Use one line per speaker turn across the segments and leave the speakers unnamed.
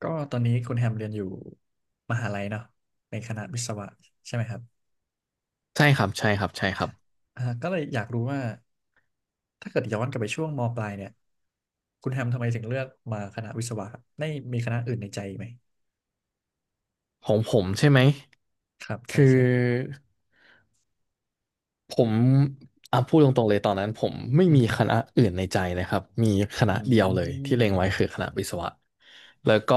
ก็ตอนนี้คุณแฮมเรียนอยู่มหาลัยเนาะในคณะวิศวะใช่ไหมครับ
ใช่ครับใช่ครับใช่ครับ
ก็เลยอยากรู้ว่าถ้าเกิดย้อนกลับไปช่วงมปลายเนี่ยคุณแฮมทำไมถึงเลือกมาคณะวิศวะครับได้มีคณะอื่นในใจไหม
ของผมใช่ไหม
ครับใช่
คือ
ใช่
ผมพูดตรงๆเลยตอนนั้นผมไม่
อือ
มี
ฮึ
คณะอื่นในใจเลยครับมีคณะ
อื
เดียวเลยที่เล็ง
ม
ไว้คือคณะวิศวะแล้วก็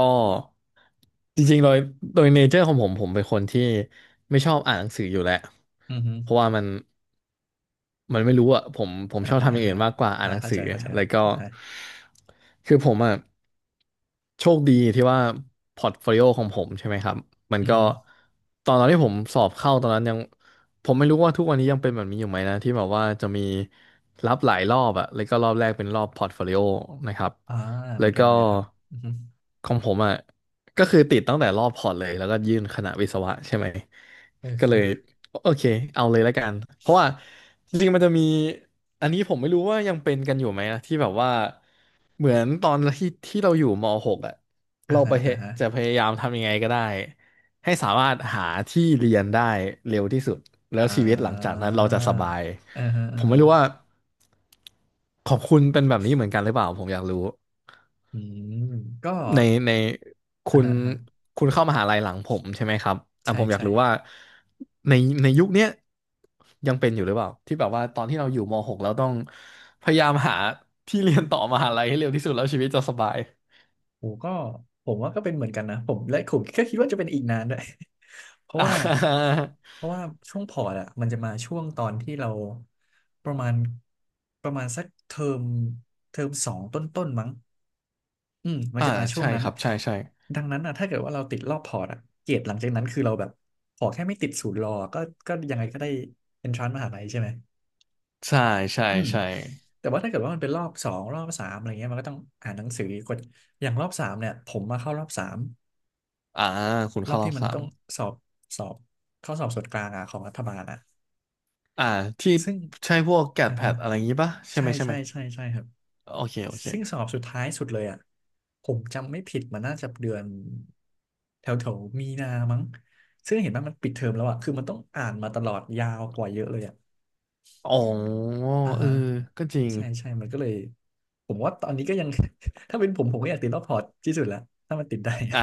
จริงๆโดยเนเจอร์ของผมผมเป็นคนที่ไม่ชอบอ่านหนังสืออยู่แล้ว
อือฮึ
เพราะว่ามันไม่รู้อะผม
อ่า
ชอบ
ฮะ
ทำอ
อ่า
ย่างอื่
ฮะ
นมากกว่าอ่า
อ่า
นหนัง
เข้า
สื
ใจ
อ
เข้าใจค
แล้
รั
ว
บ
ก็
อ่าฮะ
คือผมอะโชคดีที่ว่าพอร์ตโฟลิโอของผมใช่ไหมครับมัน
อือ
ก็
ฮึ
ตอนที่ผมสอบเข้าตอนนั้นยัง ผมไม่รู้ว่าทุกวันนี้ยังเป็นแบบนี้อยู่ไหมนะที่แบบว่าจะมีรับหลายรอบอะแล้วก็รอบแรกเป็นรอบพอร์ตโฟลิโอนะครับ
อ่าเห
แล้
มือ
ว
นกัน
ก็
เหมือนกันครับอือฮึ
ของผมอะก็คือติดตั้งแต่รอบพอร์ตเลยแล้วก็ยื่นคณะวิศวะใช่ไหม
เออ
ก็
คื
เล
อ
ยโอเคเอาเลยแล้วกันเพราะว่าจริงๆมันจะมีอันนี้ผมไม่รู้ว่ายังเป็นกันอยู่ไหมนะที่แบบว่า เหมือนตอนที่เราอยู่ม .6 อ่ะ
อ่า
เราไป
ฮะอ่าฮะ
จะพยายามทำยังไงก็ได้ให้สามารถหาที่เรียนได้เร็วที่สุดแล้
อ่
วชีวิตหลังจาก
า
นั้นเราจะสบาย
อ่าฮะ
ผ
อ่า
มไม่
ฮะ
รู้ว่าของคุณเป็นแบบนี้เหมือนกันหรือเปล่าผมอยากรู้
อืมก็
ในในคุ
อ่า
ณ
ฮะอ่าฮะ
คุณเข้ามหาลัยหลังผมใช่ไหมครับอ่ะ
ใช่
ผมอยาก
ใช่
รู้ว่าในในยุคเนี้ยยังเป็นอยู่หรือเปล่าที่แบบว่าตอนที่เราอยู่ม .6 เราต้องพยายามหาที่เรียนต่อมหาลัยให้เร็วที่สุดแล้วชีวิตจะสบาย
โอ้ก็ผมว่าก็เป็นเหมือนกันนะผมและผมก็คิดว่าจะเป็นอีกนานด้วย เพ ราะ
อ่
ว่า
า
เพราะว่าช่วงพอร์ตอะมันจะมาช่วงตอนที่เราประมาณประมาณสักเทอมเทอมสองต้นมั้งอืมมัน
อ่า
จะมาช่วง
ใช่
นั้น
ครับใช่ใช่
ดังนั้นอะถ้าเกิดว่าเราติดรอบพอร์ตอะเกรดหลังจากนั้นคือเราแบบขอแค่ไม่ติดศูนย์รอก็ก็ยังไงก็ได้เอนทรานซ์มหาลัยใช่ไหม
ใช่ใช่
อืม
ใช่
แต่ว่าถ้าเกิดว่ามันเป็นรอบสองรอบสามอะไรเงี้ยมันก็ต้องอ่านหนังสืออีกคนอย่างรอบสามเนี่ยผมมาเข้ารอบสาม
อ่าคุณ
รอ
เข้า
บ
รอ
ที่
บ
มัน
สา
ต้
ม
องสอบสอบข้อสอบส่วนกลางอะของรัฐบาลอะ
อ่าที่
ซึ่ง
ใช่พวกแก
อื
ด
อ
แพ
ฮึ
ดอะไรอย่างงี้ปะใช่
ใช่
ไหมใช่ไห
ใช่
ม
ใช่ใช่ครับ
โอเคโอเค
ซึ่งสอบสุดท้ายสุดเลยอะผมจำไม่ผิดมันน่าจะเดือนแถวแถวมีนามั้งซึ่งเห็นว่ามันปิดเทอมแล้วอะคือมันต้องอ่านมาตลอดยาวกว่าเยอะเลยอะ
อ๋อ
อ่า
เออ
ฮะ
ก็จริง
ใช่ใช่มันก็เลยผมว่าตอนนี้ก็ยัง ถ้าเป็นผมผมก็อยากติดรอบพอร์ตที่สุดละถ้ามันติดได้
อ่า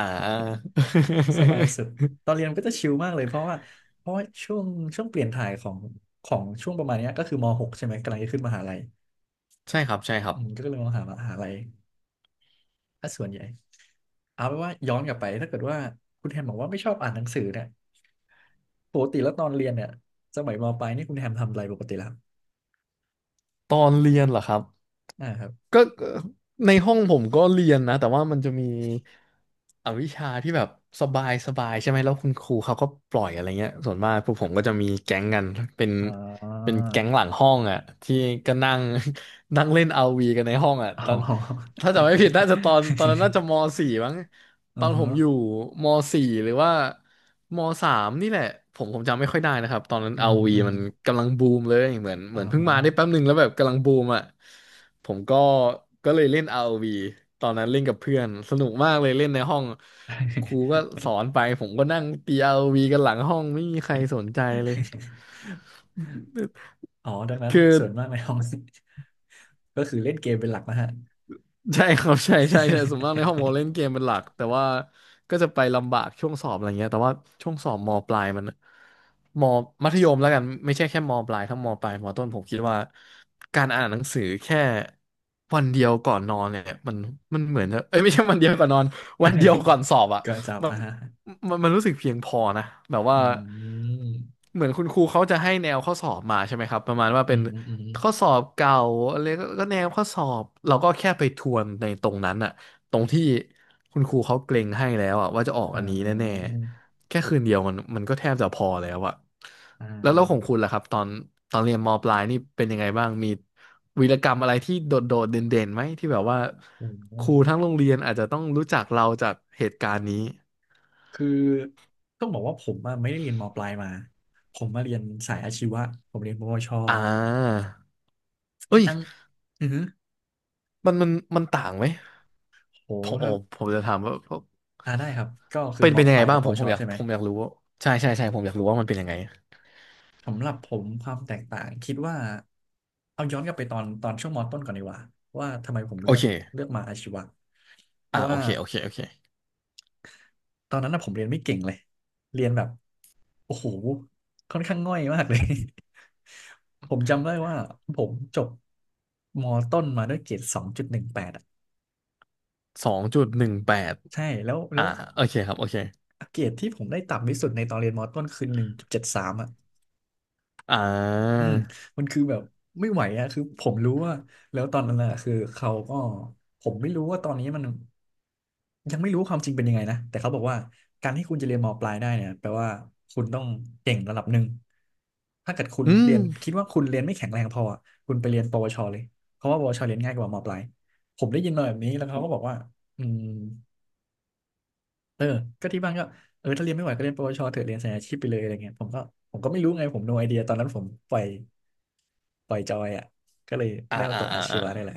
สบายสุดตอนเรียนมันก็จะชิลมากเลยเพราะว่าเพราะว่าช่วงช่วงเปลี่ยนถ่ายของของช่วงประมาณเนี้ยก็คือม .6 ใช่ไหมกำลังจะขึ้นมหาลัย
ใช่ครับใช่ครับ
อืมก็เลยมหาลัยถ้าส่วนใหญ่เอาเป็นว่าย้อนกลับไปถ้าเกิดว่าคุณแฮมบอกว่าไม่ชอบอ่านหนังสือเนี่ยปกติแล้วตอนเรียนเนี่ยสมัยมปลายนี่คุณแฮมทำอะไรปกติแล้ว
ตอนเรียนเหรอครับ
อ่าครับ
ก็ในห้องผมก็เรียนนะแต่ว่ามันจะมีอวิชาที่แบบสบายสบายใช่ไหมแล้วคุณครูเขาก็ปล่อยอะไรเงี้ยส่วนมากพวกผมก็จะมีแก๊งกันเป็น
อ๋
เป็น
อ
แก๊งหลังห้องอ่ะที่ก็นั่ง นั่งเล่นเอาร์วีกันในห้องอ่ะ
อ๋
ตอน
อ
ถ้าจำไม่ผิดน่าจะตอนนั้นน่าจะมสี่มั้งต
อื
อ
อ
นผ
ฮะ
มอยู่มสี่หรือว่า มสามนี่แหละผมจำไม่ค่อยได้นะครับตอนนั้น
อือฮึ
ROV
อือ
มั
ฮึ
นกำลังบูมเลยเหมือนเห
อ่า
มือนเพิ่ง
ฮะ
มาได้แป๊บหนึ่งแล้วแบบกำลังบูมอ่ะผมก็ก็เลยเล่น ROV ตอนนั้นเล่นกับเพื่อนสนุกมากเลยเล่นในห้องครูก็ส อนไปผมก็นั่งตี ROV กันหลังห้องไม่มีใครสนใจเลย
อ๋อดังนั้น
คือ
ส่วนมากในห้อง ก็คือเล่นเกมเป็นหลักนะฮะ
ใช่ ครับใช่ใช่ใช่ส่วนมากในห้องมอเล่นเกมเป็นหลักแต่ว่าก็จะไปลำบากช่วงสอบอะไรเงี้ยแต่ว่าช่วงสอบมปลายมันมมัธยมแล้วกันไม่ใช่แค่มปลายทั้งมปลายมต้นผมคิดว่าการอ่านหนังสือแค่วันเดียวก่อนนอนเนี่ยมันเหมือนจะเอ้ยไม่ใช่วันเดียวก่อนนอน วันเดียวก่อนสอบอ่ะ
ก็จับอ่ะฮะ
มันรู้สึกเพียงพอนะแบบว่า
อืม
เหมือนคุณครูเขาจะให้แนวข้อสอบมาใช่ไหมครับประมาณว่า
อื
เป็น
มอืม
ข้อสอบเก่าอะไรก็แนวข้อสอบเราก็แค่ไปทวนในตรงนั้นอะตรงที่คุณครูเขาเกรงให้แล้วอะว่าจะออก
อ่
อันนี้แน่
า
ๆแค่คืนเดียวมันก็แทบจะพอแล้วอะ
อ่
แล้วของ
า
คุณล่ะครับตอนเรียนมปลายนี่เป็นยังไงบ้างมีวีรกรรมอะไรที่โดดโดดเด่นๆไหมที่แบบว่า
โอ้โห
ครูทั้งโรงเรียนอาจจะต้องรู้จักเราจากเหตุการณ์นี้
คือต้องบอกว่าผมอะไม่ได้เรียนมปลายมาผมมาเรียนสายอาชีวะผมเรียนปวช
อ่าเอ้ย
ตั้งอือหื
มันมันมันต่างไหม
อโห
ผม
ค
อ๋อ
รับ
ผมจะถามว่า
อ่าได้ครับก็คือ
เป็น
ม
เป็นยัง
ป
ไง
ลาย
บ้า
กับ
ง
ป
ผ
ว
มผ
ช
มอยาก
ใช่ไหม
ผมอยากรู้ว่าใช่ใช่ใช่ผมอยากรู้ว่ามันเป็นยังไง
สำหรับผมความแตกต่างคิดว่าเอาย้อนกลับไปตอนช่วงมต้นก่อนดีกว่าว่าทำไมผม
โอ
เลือกเลื
เค
อกมาอาชีวะเพราะ
โอ
ว่า
เคโอเคโอเค
ตอนนั้นนะผมเรียนไม่เก่งเลยเรียนแบบโอ้โหค่อนข้างง่อยมากเลย ผมจำได้ว่าผมจบมต้นมาด้วยเกรดสองจุดหนึ่งแปดอ่ะ
สองจุดหนึ่งแปด
ใช่แล้วแล้
อ่า
ว
โอเคครับโอเค
เกรดที่ผมได้ต่ำที่สุดในตอนเรียนมต้นคือหนึ่งจุดเจ็ดสามอ่ะ
อ่า
อืมมันคือแบบไม่ไหวอะคือผมรู้ว่าแล้วตอนนั้นอะคือเขาก็ผมไม่รู้ว่าตอนนี้มันยังไม่รู้ความจริงเป็นยังไงนะแต่เขาบอกว่าการที่คุณจะเรียนมปลายได้เนี่ยแปลว่าคุณต้องเก่งระดับหนึ่งถ้าเกิดคุณ
อื
เรียนคิด
ม
ว่าคุณเรียนไม่แข็งแรงพออะคุณไปเรียนปวชเลยเพราะว่าปวชเรียนง่ายกว่ามปลายผมได้ยินมาแบบนี้แล้วเขาก็บอกว่าอืม เออก็ที่บ้านก็เออถ้าเรียนไม่ไหวก็เรียนปวชเถอะเรียนสายอาชีพไปเลยอะไรเงี้ยผมก็ผมก็ไม่รู้ไงผม no idea ตอนนั้นผมปล่อยปล่อยจอยอ่ะก็เลย
อ่า
ได้มา
อ่า
ตกอา
อ่า
ชี
อ่า
วะได้แหละ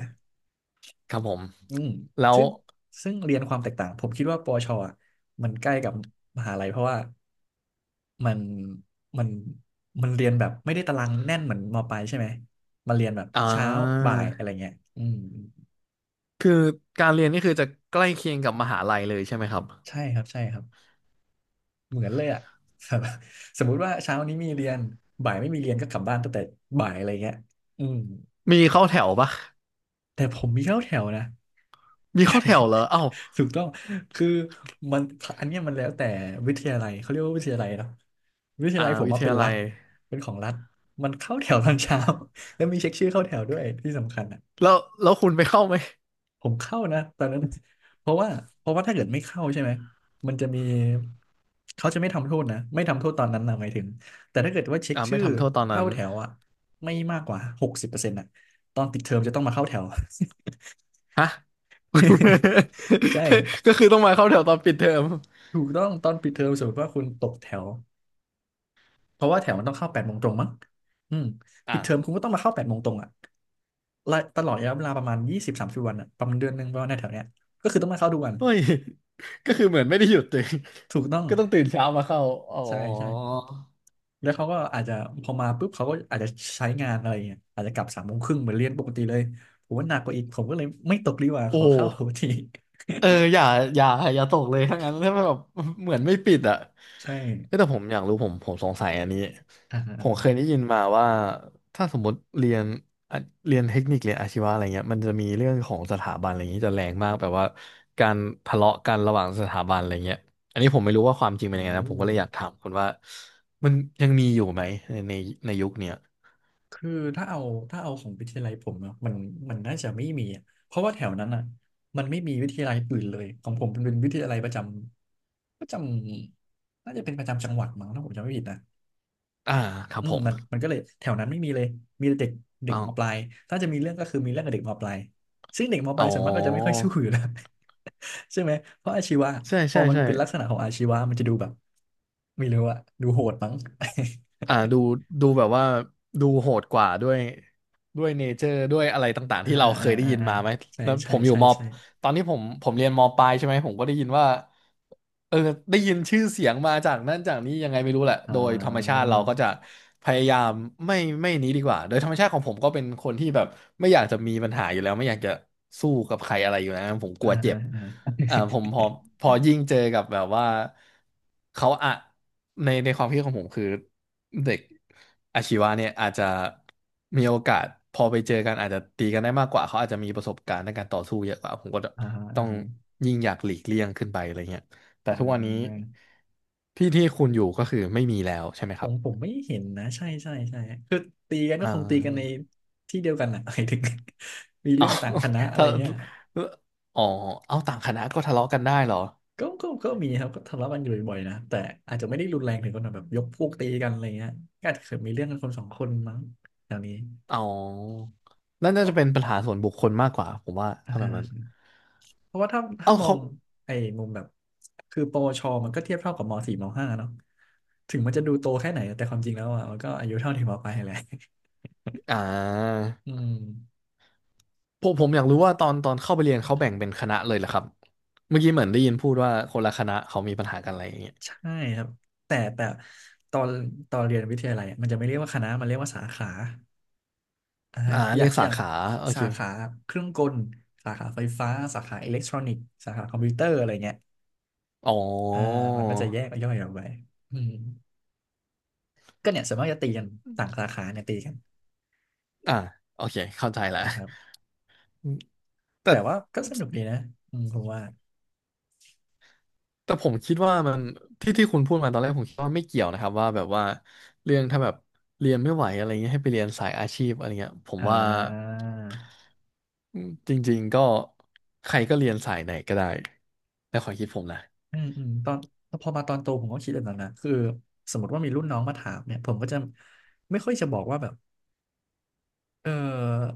ครับผม
อืม
แล้ว
ซึ่งซึ่งเรียนความแตกต่างผมคิดว่าปวชอะมันใกล้กับมหาลัยเพราะว่ามันมันมันเรียนแบบไม่ได้ตารางแน่นเหมือนมปลายใช่ไหมมันเรียนแบบ
อ่า
เช้าบ่ายอะไรเงี้ยอืม
คือการเรียนนี่คือจะใกล้เคียงกับมหาลัยเลยใช่ไหมครับ
ใช่ครับใช่ครับ เหมือนเลยอ่ะ สมมุติว่าเช้านี้มีเรียนบ่ายไม่มีเรียนก็กลับบ้านตั้งแต่บ่ายอะไรเงี้ยอืม
มีเข้าแถวปะ
แต่ผมมีเข้าแถวนะ
มีเข้าแถวเหรอเอ้า
ถูกต้องคือมันอันเนี้ยมันแล้วแต่วิทยาลัยเขาเรียกว่าวิทยาลัยเนาะวิทยาลัยผม
วิ
มา
ท
เป็น
ยา
รั
ลั
ฐ
ย
เป็นของรัฐมันเข้าแถวตอนเช้า แล้วมีเช็คชื่อเข้าแถวด้วยที่สำคัญ
แล้วคุณไปเข้าไหม
ผมเข้านะตอนนั้นเพราะว่าเพราะว่าถ้าเกิดไม่เข้าใช่ไหมมันจะมีเขาจะไม่ทำโทษนะไม่ทำโทษตอนนั้นนะหมายถึงแต่ถ้าเกิดว่าเช็คชื่
ไม่
อ
ทำโทษตอนนั้
เข้า
น
แถวอะไม่มากกว่า60%อะตอนติดเทอมจะต้องมาเข้าแถว
ฮะ
ใช่
ก็คือต้องมาเข้าแถวตอนปิดเทอม
ถูกต้องตอนปิดเทอมสมมติว่าคุณตกแถวเพราะว่าแถวมันต้องเข้าแปดโมงตรงมั้งอืมปิ
อ่า
ดเทอมคุณก็ต้องมาเข้าแปดโมงตรงอะและตลอดระยะเวลาประมาณ20-30 วันอะประมาณเดือนหนึ่งประมาณในแถวเนี้ยก็คือต้องมาเข้าทุกวัน
เฮ้ยก็คือเหมือนไม่ได้หยุดตัเง
ถูกต้อง
ก็ต้องตื่นเช้ามาเข้าอ๋อ
ใช่ใช่ แล้วเขาก็อาจจะพอมาปุ๊บเขาก็อาจจะใช้งานอะไรเงี้ยอาจจะกลับ3 โมงครึ่งเหมือนเรียนปกติเลยผมว่าหนักกว่าอีกผมก็เลยไม่ตกดีกว่า
โอ้
ขอเข้าปกติ
เออ อย่าอย่าตกเลยทั้างนั้นถ้ามันแบบ เหมือนไม่ปิดอ่ะ
ใช่
เอ้ยแต่ผมอยากรู้ผมสงสัยอันนี้
อ่า
ผมเค
ฮะ
ยได้ยินมาว่าถ้าสมมติเรียนอ่ะเรียนเทคนิคเรียนอาชีวะอะไรเงี้ยมันจะมีเรื่องของสถาบันอะไรอย่างนี้จะแรงมากแบบว่าการทะเลาะกันระหว่างสถาบันอะไรเงี้ยอันนี้ผมไม่รู้ว่าความจริง
โอ
เป็นยังไงนะผมก็เลยอ
้
ยากถามคุณว่ามันยังมีอยู่ไหมในในยุคเนี้ย
คือถ้าเอาถ้าเอาของวิทยาลัยผมเนาะมันน่าจะไม่มีอะเพราะว่าแถวนั้นอ่ะมันไม่มีวิทยาลัยอื่นเลยของผมเป็นวิทยาลัยประจำประจำน่าจะเป็นประจำจังหวัดมั้งถ้าผมจำไม่ผิดนะ
อ่าครับ
อืม
ผม
มันก็เลยแถวนั้นไม่มีเลยมีแต่เด็กเด็กมปลาย
เอา
ถ้าจะมีเรื่องก็คือมีเรื่องกับเด็กมปลายซึ่งเด็กมป
อ๋
ลา
อ
ยส่วนมากก็จะไม่ค่อยสู้อยู่แล้ว ใช่ไหมเพราะอาชีวะ
ใช่
พอ
ใช่
มัน
ใช่
เป็นลักษณะของอาชีวะมันจะดูแบบไม่รู้อะดูโหดมั้ง
อ่า ดูดูแบบว่าดูโหดกว่าด้วยด้วยเนเจอร์ด้วยอะไรต่างๆ
อ่า
ที่เราเค
อ่า
ยได้
อ่า
ยิน
อ่า
มาไหม
ใช่
แล้วผ
ใช่
มอยู่
ใช่
มอ
ใช่
ตอนนี้ผมเรียนมปลายใช่ไหมผมก็ได้ยินว่าเออได้ยินชื่อเสียงมาจากนั่นจากนี้ยังไงไม่รู้แหละ
อ่
โดยธรรมชา
า
ติเราก็จะพยายามไม่ไม่นี้ดีกว่าโดยธรรมชาติของผมก็เป็นคนที่แบบไม่อยากจะมีปัญหาอยู่แล้วไม่อยากจะสู้กับใครอะไรอยู่แล้วผมก
อ่า
ลัว
อ
เจ็บ
่า
อ่า ผมพอยิ่งเจอกับแบบว่าเขาอะในความคิดของผมคือ เด็กอาชีวะเนี่ยอาจจะมีโอกาสพอไปเจอกันอาจจะตีกันได้มากกว่าเขาอาจจะมีประสบการณ์ในการต่อสู้เยอะกว่าผมก็
อ่า
ต้อ
อ่า
งยิ่งอยากหลีกเลี่ยงขึ้นไปอะไรเงี้ยแต่
อ่
ทุกวันนี้
า
ที่คุณอยู่ก็คือไม่มีแล้วใช่ไหม
ผ
ครับ
มผมไม่เห็นนะใช่ใช่ใช่คือตีกันก็
อ่
คงตีกันใน
า
ที่เดียวกันนะ หมายถึง มี
เอา
เรื่อง ต่างคณะอะไร
ถ้า
เงี้ย
อ๋อเอาต่างคณะก็ทะเลาะกันได้เหรอ
ก็มีครับก็ทะเลาะกันอยู่บ่อยๆนะแต่อาจจะไม่ได้รุนแรงถึงขนาดแบบยกพวกตีกันอะไรเงี้ยก็อาจจะเคยมีเรื่องกันคนสองคนมั้งแถวนี้
อ๋อนั่น
เพ
น่าจะ
ราะ
เป็นปัญหาส่วนบุคคลมากกว่าผมว่า
อ่า
ถ้าแบ
ฮะ
บนั้น
เพราะว่าถ้า
เอา
มอ
เขา
งไอ้มุมแบบคือปวชมันก็เทียบเท่ากับมสี่มห้าเนาะถึงมันจะดูโตแค่ไหนแต่ความจริงแล้วอ่ะมันก็อายุเท่าถึงมปลายแหละ
อ่า
อืม
ผมอยากรู้ว่าตอนเข้าไปเรียนเขาแบ่งเป็นคณะเลยเหรอครับเมื่อกี้เหมือนได้ยินพูดว่าคนละคณะเขามีปัญหากันอะไรอย่างเงี้ย
ใช่ครับแต่ตอนตอนเรียนวิทยาลัยอะมันจะไม่เรียกว่าคณะมันเรียกว่าสาขาอ่าฮะ
อ่า
อ
เรี
ย่าง
ยก
อ
สา
ย่าง
ขาโอ
สา
เค
ขาเครื่องกลสาขาไฟฟ้าสาขาอิเล็กทรอนิกส์สาขาคอมพิวเตอร์อะไรเงี้ย
อ๋อ
อ่ามันก็จะแยกย่อยออกไปอืมก็เนี่ยส่วนมากจะตีกันต่างสาขาเนี่ยตีกัน
อ่าโอเคเข้าใจละ
นะครับ
อืมแต่
แต่ว่าก็สนุกดีนะอืมผมว่า
แต่ผมคิดว่ามันที่คุณพูดมาตอนแรกผมคิดว่าไม่เกี่ยวนะครับว่าแบบว่าเรื่องถ้าแบบเรียนไม่ไหวอะไรเงี้ยให้ไปเรียนสายอาชีพอะไรเงี้ยผม
อ่
ว่า
า
อืมจริงๆก็ใครก็เรียนสายไหนก็ได้ในความคิดผมนะ
อืมอืมตอนพอมาตอนโตผมก็คิดแบบนั้นนะคือสมมติว่ามีรุ่นน้องมาถามเนี่ยผมก็จะไม่ค่อยจะบอกว่าแบบ เออ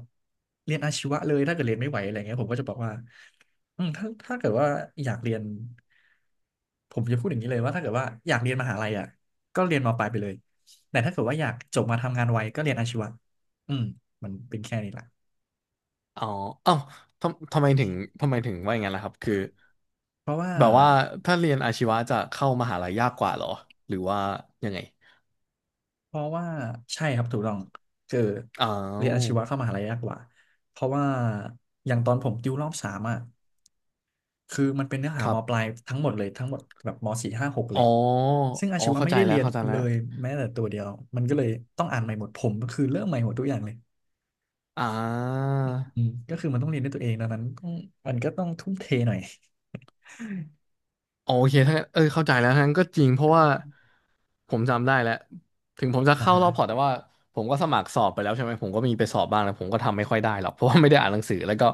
เรียนอาชีวะเลยถ้าเกิดเรียนไม่ไหวอะไรเงี้ยผมก็จะบอกว่าอืมถ้าเกิดว่าอยากเรียนผมจะพูดอย่างนี้เลยว่าถ้าเกิดว่าอยากเรียนมหาลัยอ่ะก็เรียนมปลายไปเลยแต่ถ้าเกิดว่าอยากจบมาทำงานไวก็เรียนอาชีวะอืมมันเป็นแค่นี้แหละ
อ๋อเอ้าทำไมถึงทำไมถึงว่าอย่างนั้นล่ะครับคือ
เพราะว่า
แบบว่าถ้าเรียนอาชีวะจะเข้ามหาลัยยากกว่าเหรอหรือว่ายังไง
เพราะว่าใช่ครับถูกต้องคือ
อ้า
เรียน
ว
อาชีวะเข้ามหาลัยยากกว่าเพราะว่าอย่างตอนผมติวรอบสามอ่ะ คือมันเป็นเนื้อ
ค
หา
รั
มปลา
บ
ยทั้งหมดเลยทั้งหมดแบบมสี่ห้าหกเล
อ๋อ
ยซึ่งอา
อ๋อ
ชีวะ
เข้า
ไม่
ใจ
ได้
แล้
เรี
ว
ยน
เข้าใจ
เล
แล้ว
ยแม้แต่ตัวเดียวมันก็เลยต้องอ่านใหม่หมดผมก็คือเริ่มใหม่หมดทุกอย่างเลย
อ่า
อืมก็คือมันต้องเรียนด้วยตัวเองดังนั้นต้องมันก็ต้องทุ่มเทหน่อย
อ๋อโอเคถ้างั้นเออเข้าใจแล้วทั้งนั้นก็จริงเพราะว่าผมจำได้แล้วถึงผมจะ
อ่า
เข้า
ฮะ
รอบพอร์ตแต่ว่าผมก็สมัครสอบไปแล้วใช่ไหมผมก็มีไปสอบบ้างแล้วผมก็ทำไม่ค่อยได้หรอกเพราะว่าไม่ได้อ่านหนังสือแล้วก็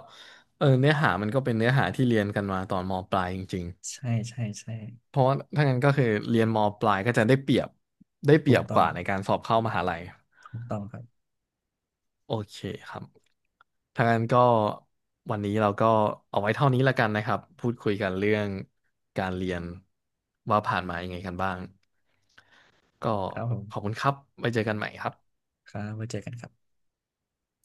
เออเนื้อหามันก็เป็นเนื้อหาที่เรียนกันมาตอนมปลายจริง
ใช่ใช่ใช่
เพราะว่าถ้างั้นก็คือเรียนมปลายก็จะได้เปรียบได้เป
ถู
รีย
ก
บ
ต้
ก
อง
ว่าในการสอบเข้ามหาลัย
ถูกต้องครับ
โอเคครับถ้างั้นก็วันนี้เราก็เอาไว้เท่านี้ละกันนะครับพูดคุยกันเรื่องการเรียนว่าผ่านมายังไงกันบ้างก็
ครับผ
ขอบ
ม
คุณครับไว้เจอกันใหม่ครับ
ครับไว้เจอกันครับ